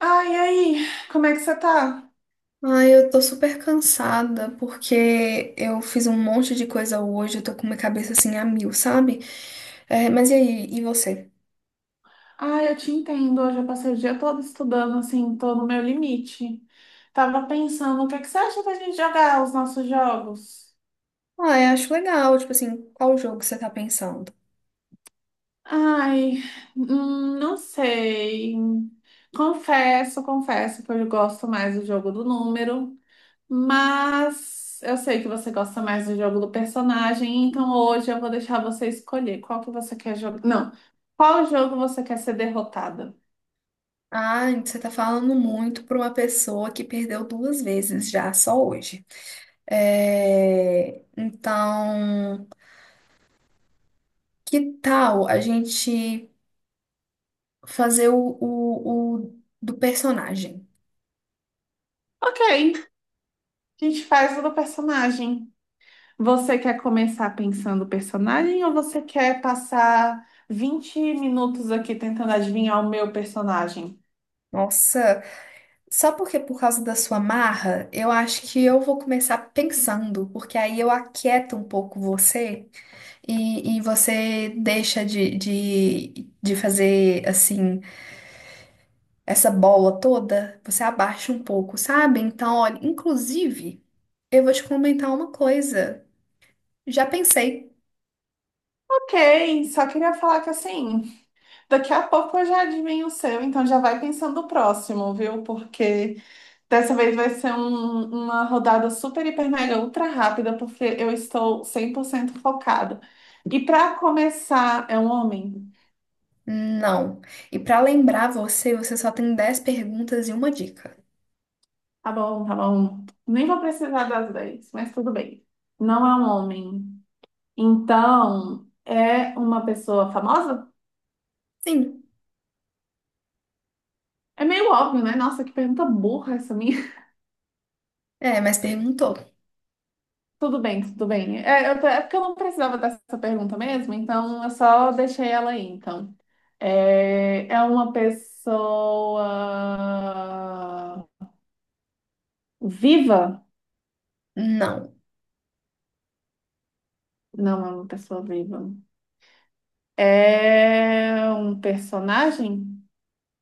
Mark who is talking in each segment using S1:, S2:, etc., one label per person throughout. S1: Ai, aí, como é que você tá?
S2: Ai, eu tô super cansada porque eu fiz um monte de coisa hoje, eu tô com minha cabeça assim a mil, sabe? É, mas e aí, e você?
S1: Ai, eu te entendo. Hoje eu passei o dia todo estudando, assim, tô no meu limite. Tava pensando, o que é que você acha da gente jogar os nossos jogos?
S2: Ah, eu acho legal, tipo assim, qual jogo você tá pensando?
S1: Ai, não sei. Confesso que eu gosto mais do jogo do número, mas eu sei que você gosta mais do jogo do personagem, então hoje eu vou deixar você escolher qual que você quer jogar. Não, qual jogo você quer ser derrotada?
S2: Ah, você tá falando muito pra uma pessoa que perdeu 2 vezes já, só hoje. É, então, que tal a gente fazer o do personagem?
S1: Ok, a gente faz o do personagem. Você quer começar pensando o personagem ou você quer passar 20 minutos aqui tentando adivinhar o meu personagem?
S2: Nossa, só porque por causa da sua marra, eu acho que eu vou começar pensando, porque aí eu aquieto um pouco você e você deixa de fazer assim, essa bola toda, você abaixa um pouco, sabe? Então, olha, inclusive, eu vou te comentar uma coisa. Já pensei,
S1: Ok, só queria falar que assim, daqui a pouco eu já adivinho o seu, então já vai pensando o próximo, viu? Porque dessa vez vai ser uma rodada super, hiper, mega, ultra rápida, porque eu estou 100% focado. E para começar, é um homem?
S2: não. E pra lembrar você, você só tem 10 perguntas e uma dica.
S1: Tá bom, tá bom. Nem vou precisar das 10, mas tudo bem. Não é um homem. Então, é uma pessoa famosa?
S2: Sim,
S1: É meio óbvio, né? Nossa, que pergunta burra essa minha.
S2: é, mas perguntou.
S1: Tudo bem, tudo bem. É porque eu não precisava dessa pergunta mesmo, então eu só deixei ela aí, então. É uma pessoa viva?
S2: Não,
S1: Não é uma pessoa viva. É um personagem?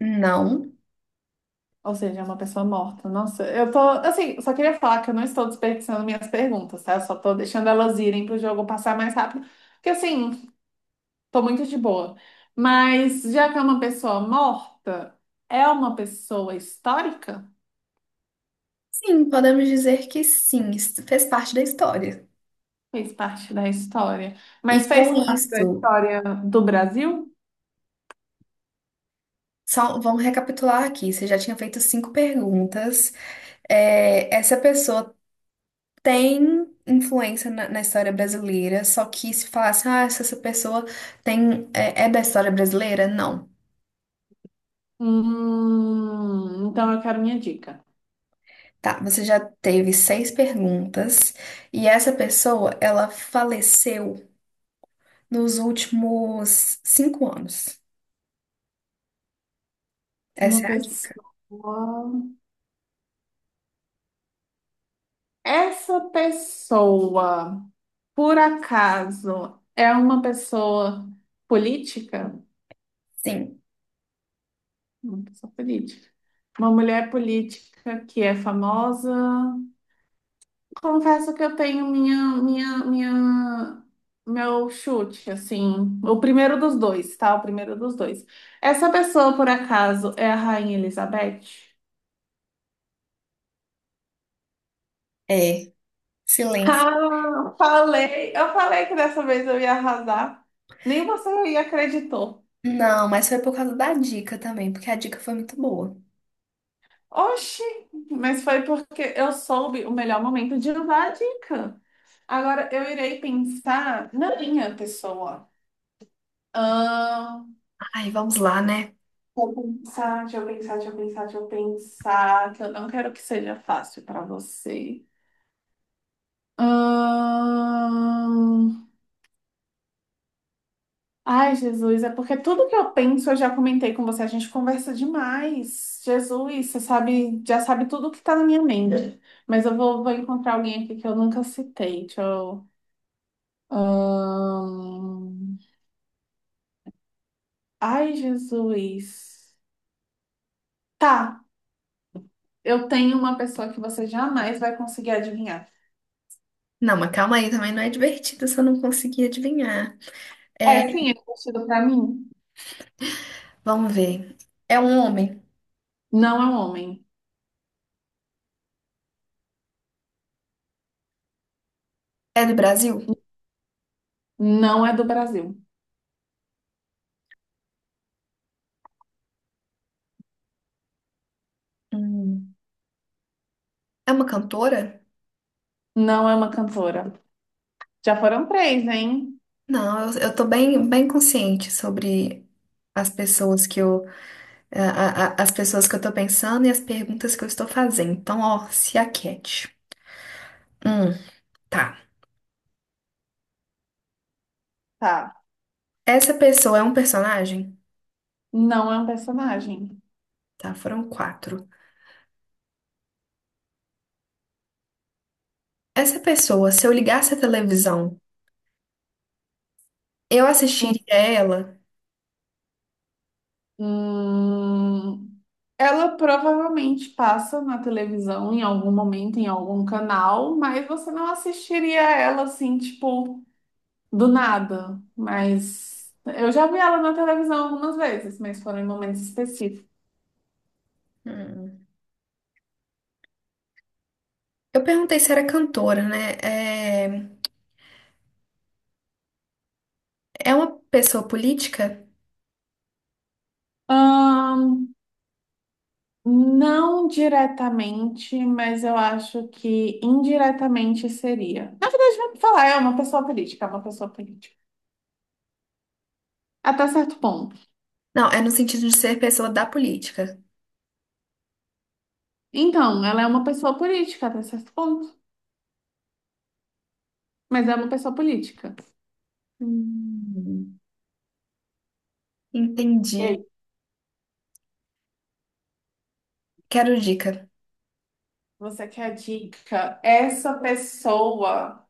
S2: não.
S1: Ou seja, é uma pessoa morta. Nossa, eu tô. Assim, só queria falar que eu não estou desperdiçando minhas perguntas, tá? Eu só tô deixando elas irem pro jogo passar mais rápido. Porque, assim, tô muito de boa. Mas, já que é uma pessoa morta, é uma pessoa histórica?
S2: Sim, podemos dizer que sim, isso fez parte da história.
S1: Fez parte da história.
S2: E
S1: Mas fez
S2: com
S1: parte da
S2: isso,
S1: história do Brasil?
S2: só vamos recapitular aqui. Você já tinha feito cinco perguntas. É, essa pessoa tem influência na história brasileira, só que se falasse, ah, se essa pessoa tem, é, é da história brasileira, não.
S1: Então eu quero minha dica.
S2: Tá, você já teve seis perguntas e essa pessoa, ela faleceu nos últimos 5 anos.
S1: Uma
S2: Essa é a dica.
S1: pessoa. Essa pessoa. Por acaso é uma pessoa política?
S2: Sim,
S1: Uma pessoa política. Uma mulher política que é famosa. Confesso que eu tenho minha, minha, meu chute, assim. O primeiro dos dois, tá? O primeiro dos dois. Essa pessoa, por acaso, é a Rainha Elizabeth?
S2: é. Silêncio.
S1: Ah, falei. Eu falei que dessa vez eu ia arrasar. Nem você acreditou.
S2: Não, mas foi por causa da dica também, porque a dica foi muito boa.
S1: Oxi, mas foi porque eu soube o melhor momento de usar a dica. Agora eu irei pensar na minha pessoa. Ah,
S2: Ai, vamos lá, né?
S1: vou pensar, deixa eu pensar, deixa eu pensar, deixa eu pensar, que eu não quero que seja fácil para você. Ahn, Ai, Jesus, é porque tudo que eu penso eu já comentei com você, a gente conversa demais. Jesus, você sabe, já sabe tudo que tá na minha mente. Mas eu vou encontrar alguém aqui que eu nunca citei. Deixa eu Ahn, Ai, Jesus. Tá, eu tenho uma pessoa que você jamais vai conseguir adivinhar.
S2: Não, mas calma aí, também não é divertido se eu não conseguir adivinhar.
S1: É, sim, é conhecido pra mim.
S2: Vamos ver. É um homem?
S1: Não é um homem.
S2: É do Brasil?
S1: Não é do Brasil.
S2: Hum. É uma cantora?
S1: Não é uma cantora. Já foram três, hein?
S2: Não, eu tô bem, bem consciente sobre as pessoas que eu, as pessoas que eu tô pensando e as perguntas que eu estou fazendo. Então, ó, se aquete. Hum, tá.
S1: Tá.
S2: Essa pessoa é um personagem?
S1: Não é um personagem.
S2: Tá, foram quatro. Essa pessoa, se eu ligasse a televisão eu assistiria ela.
S1: Hum, Ela provavelmente passa na televisão em algum momento, em algum canal, mas você não assistiria ela assim, tipo, do nada, mas eu já vi ela na televisão algumas vezes, mas foram em momentos específicos.
S2: Hum. Eu perguntei se era cantora, né? É, é uma pessoa política?
S1: Ahn, não diretamente, mas eu acho que indiretamente seria. Na verdade, vamos falar, é uma pessoa política, é uma pessoa política. Até certo ponto.
S2: Não, é no sentido de ser pessoa da política.
S1: Então, ela é uma pessoa política até certo ponto, mas é uma pessoa política.
S2: Hum.
S1: E
S2: Entendi.
S1: aí,
S2: Quero dica.
S1: você quer a dica? Essa pessoa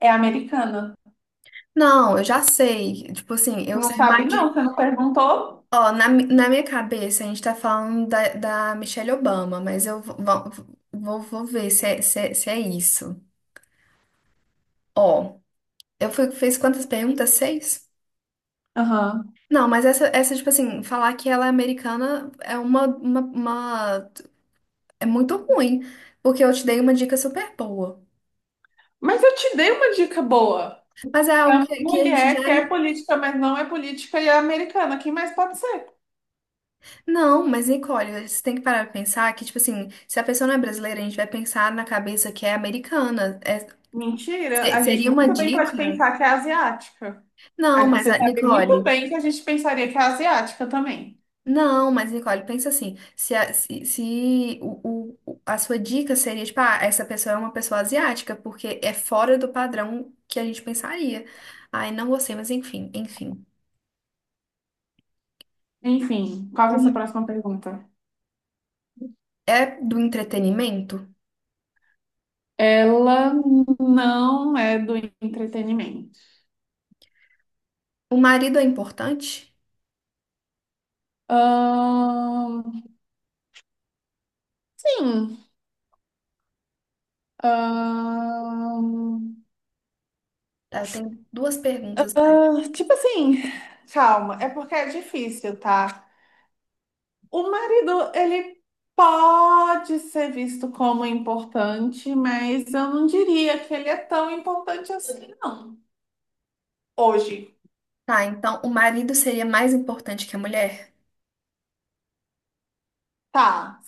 S1: é americana.
S2: Não, eu já sei. Tipo assim, eu
S1: Não sabe,
S2: imagino.
S1: não, você não perguntou?
S2: Ó, na minha cabeça a gente tá falando da Michelle Obama, mas eu vou ver se é isso. Ó, eu fui, fiz quantas perguntas? Seis?
S1: Aham.
S2: Não, mas essa, tipo assim, falar que ela é americana é é muito ruim, porque eu te dei uma dica super boa.
S1: Mas eu te dei uma dica boa.
S2: Mas é
S1: É
S2: algo
S1: uma
S2: que a gente já.
S1: mulher que é política, mas não é política e é americana. Quem mais pode ser?
S2: Não, mas Nicole, você tem que parar pra pensar que, tipo assim, se a pessoa não é brasileira, a gente vai pensar na cabeça que é americana.
S1: Mentira, a gente
S2: Seria uma
S1: muito bem pode
S2: dica.
S1: pensar que é asiática.
S2: Não, mas
S1: Você
S2: a
S1: sabe muito
S2: Nicole.
S1: bem que a gente pensaria que é asiática também.
S2: Não, mas Nicole, pensa assim, se, a, se, se o, o- a sua dica seria, tipo, ah, essa pessoa é uma pessoa asiática, porque é fora do padrão que a gente pensaria. Ai, não gostei, mas enfim, enfim.
S1: Enfim, qual que é a sua
S2: O-
S1: próxima pergunta?
S2: É do entretenimento?
S1: Ela não é do entretenimento.
S2: O marido é importante?
S1: Ahn, sim. Ahn,
S2: Tá, eu tenho duas perguntas mais.
S1: ah, tipo assim, calma, é porque é difícil, tá? O marido, ele pode ser visto como importante, mas eu não diria que ele é tão importante assim, não. Hoje,
S2: Tá, então, o marido seria mais importante que a mulher?
S1: tá.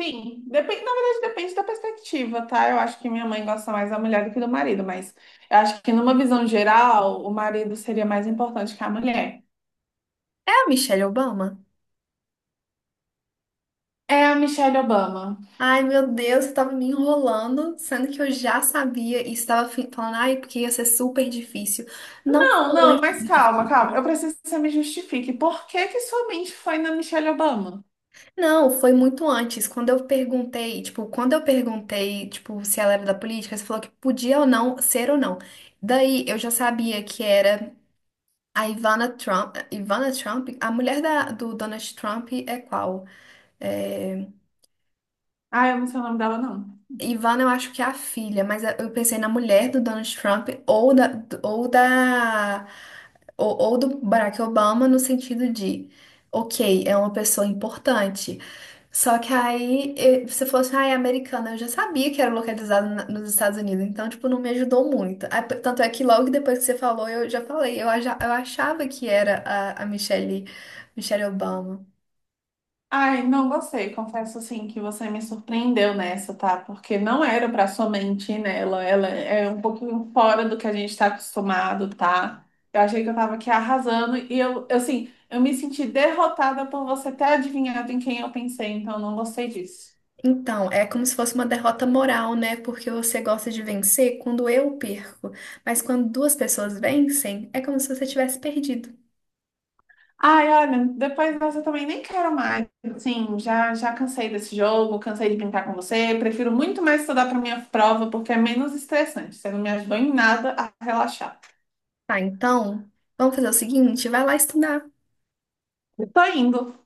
S1: Sim, depende, na verdade depende da perspectiva, tá? Eu acho que minha mãe gosta mais da mulher do que do marido, mas eu acho que numa visão geral, o marido seria mais importante que a mulher.
S2: É a Michelle Obama?
S1: É a Michelle Obama.
S2: Ai, meu Deus, você tava me enrolando, sendo que eu já sabia e estava falando, ai, porque ia ser super difícil. Não
S1: Não,
S2: foi
S1: não, mas
S2: super
S1: calma,
S2: difícil.
S1: calma. Eu preciso que você me justifique. Por que que sua mente foi na Michelle Obama?
S2: Não, foi muito antes. Quando eu perguntei, tipo, quando eu perguntei, tipo, se ela era da política, você falou que podia ou não ser ou não. Daí eu já sabia que era a Ivana Trump. Ivana Trump, a mulher da, do Donald Trump é qual? É,
S1: Ah, eu não sei o nome dela, não.
S2: Ivana, eu acho que é a filha, mas eu pensei na mulher do Donald Trump ou da, ou do Barack Obama no sentido de, ok, é uma pessoa importante. Só que aí, eh, se fosse, ah, é americana, eu já sabia que era localizado nos Estados Unidos, então, tipo, não me ajudou muito. Ah, tanto é que logo depois que você falou, eu já falei, eu achava que era a Michelle, Michelle Obama.
S1: Ai, não gostei. Confesso assim que você me surpreendeu nessa, tá? Porque não era pra somente ir nela. Ela é um pouquinho fora do que a gente tá acostumado, tá? Eu achei que eu tava aqui arrasando e eu, assim, eu me senti derrotada por você ter adivinhado em quem eu pensei, então eu não gostei disso.
S2: Então, é como se fosse uma derrota moral, né? Porque você gosta de vencer quando eu perco, mas quando duas pessoas vencem, é como se você tivesse perdido.
S1: Ai, olha, depois dessa eu também nem quero mais. Sim, já cansei desse jogo, cansei de brincar com você. Prefiro muito mais estudar para minha prova porque é menos estressante. Você não me ajudou em nada a relaxar.
S2: Tá, então, vamos fazer o seguinte, vai lá estudar.
S1: Eu tô indo.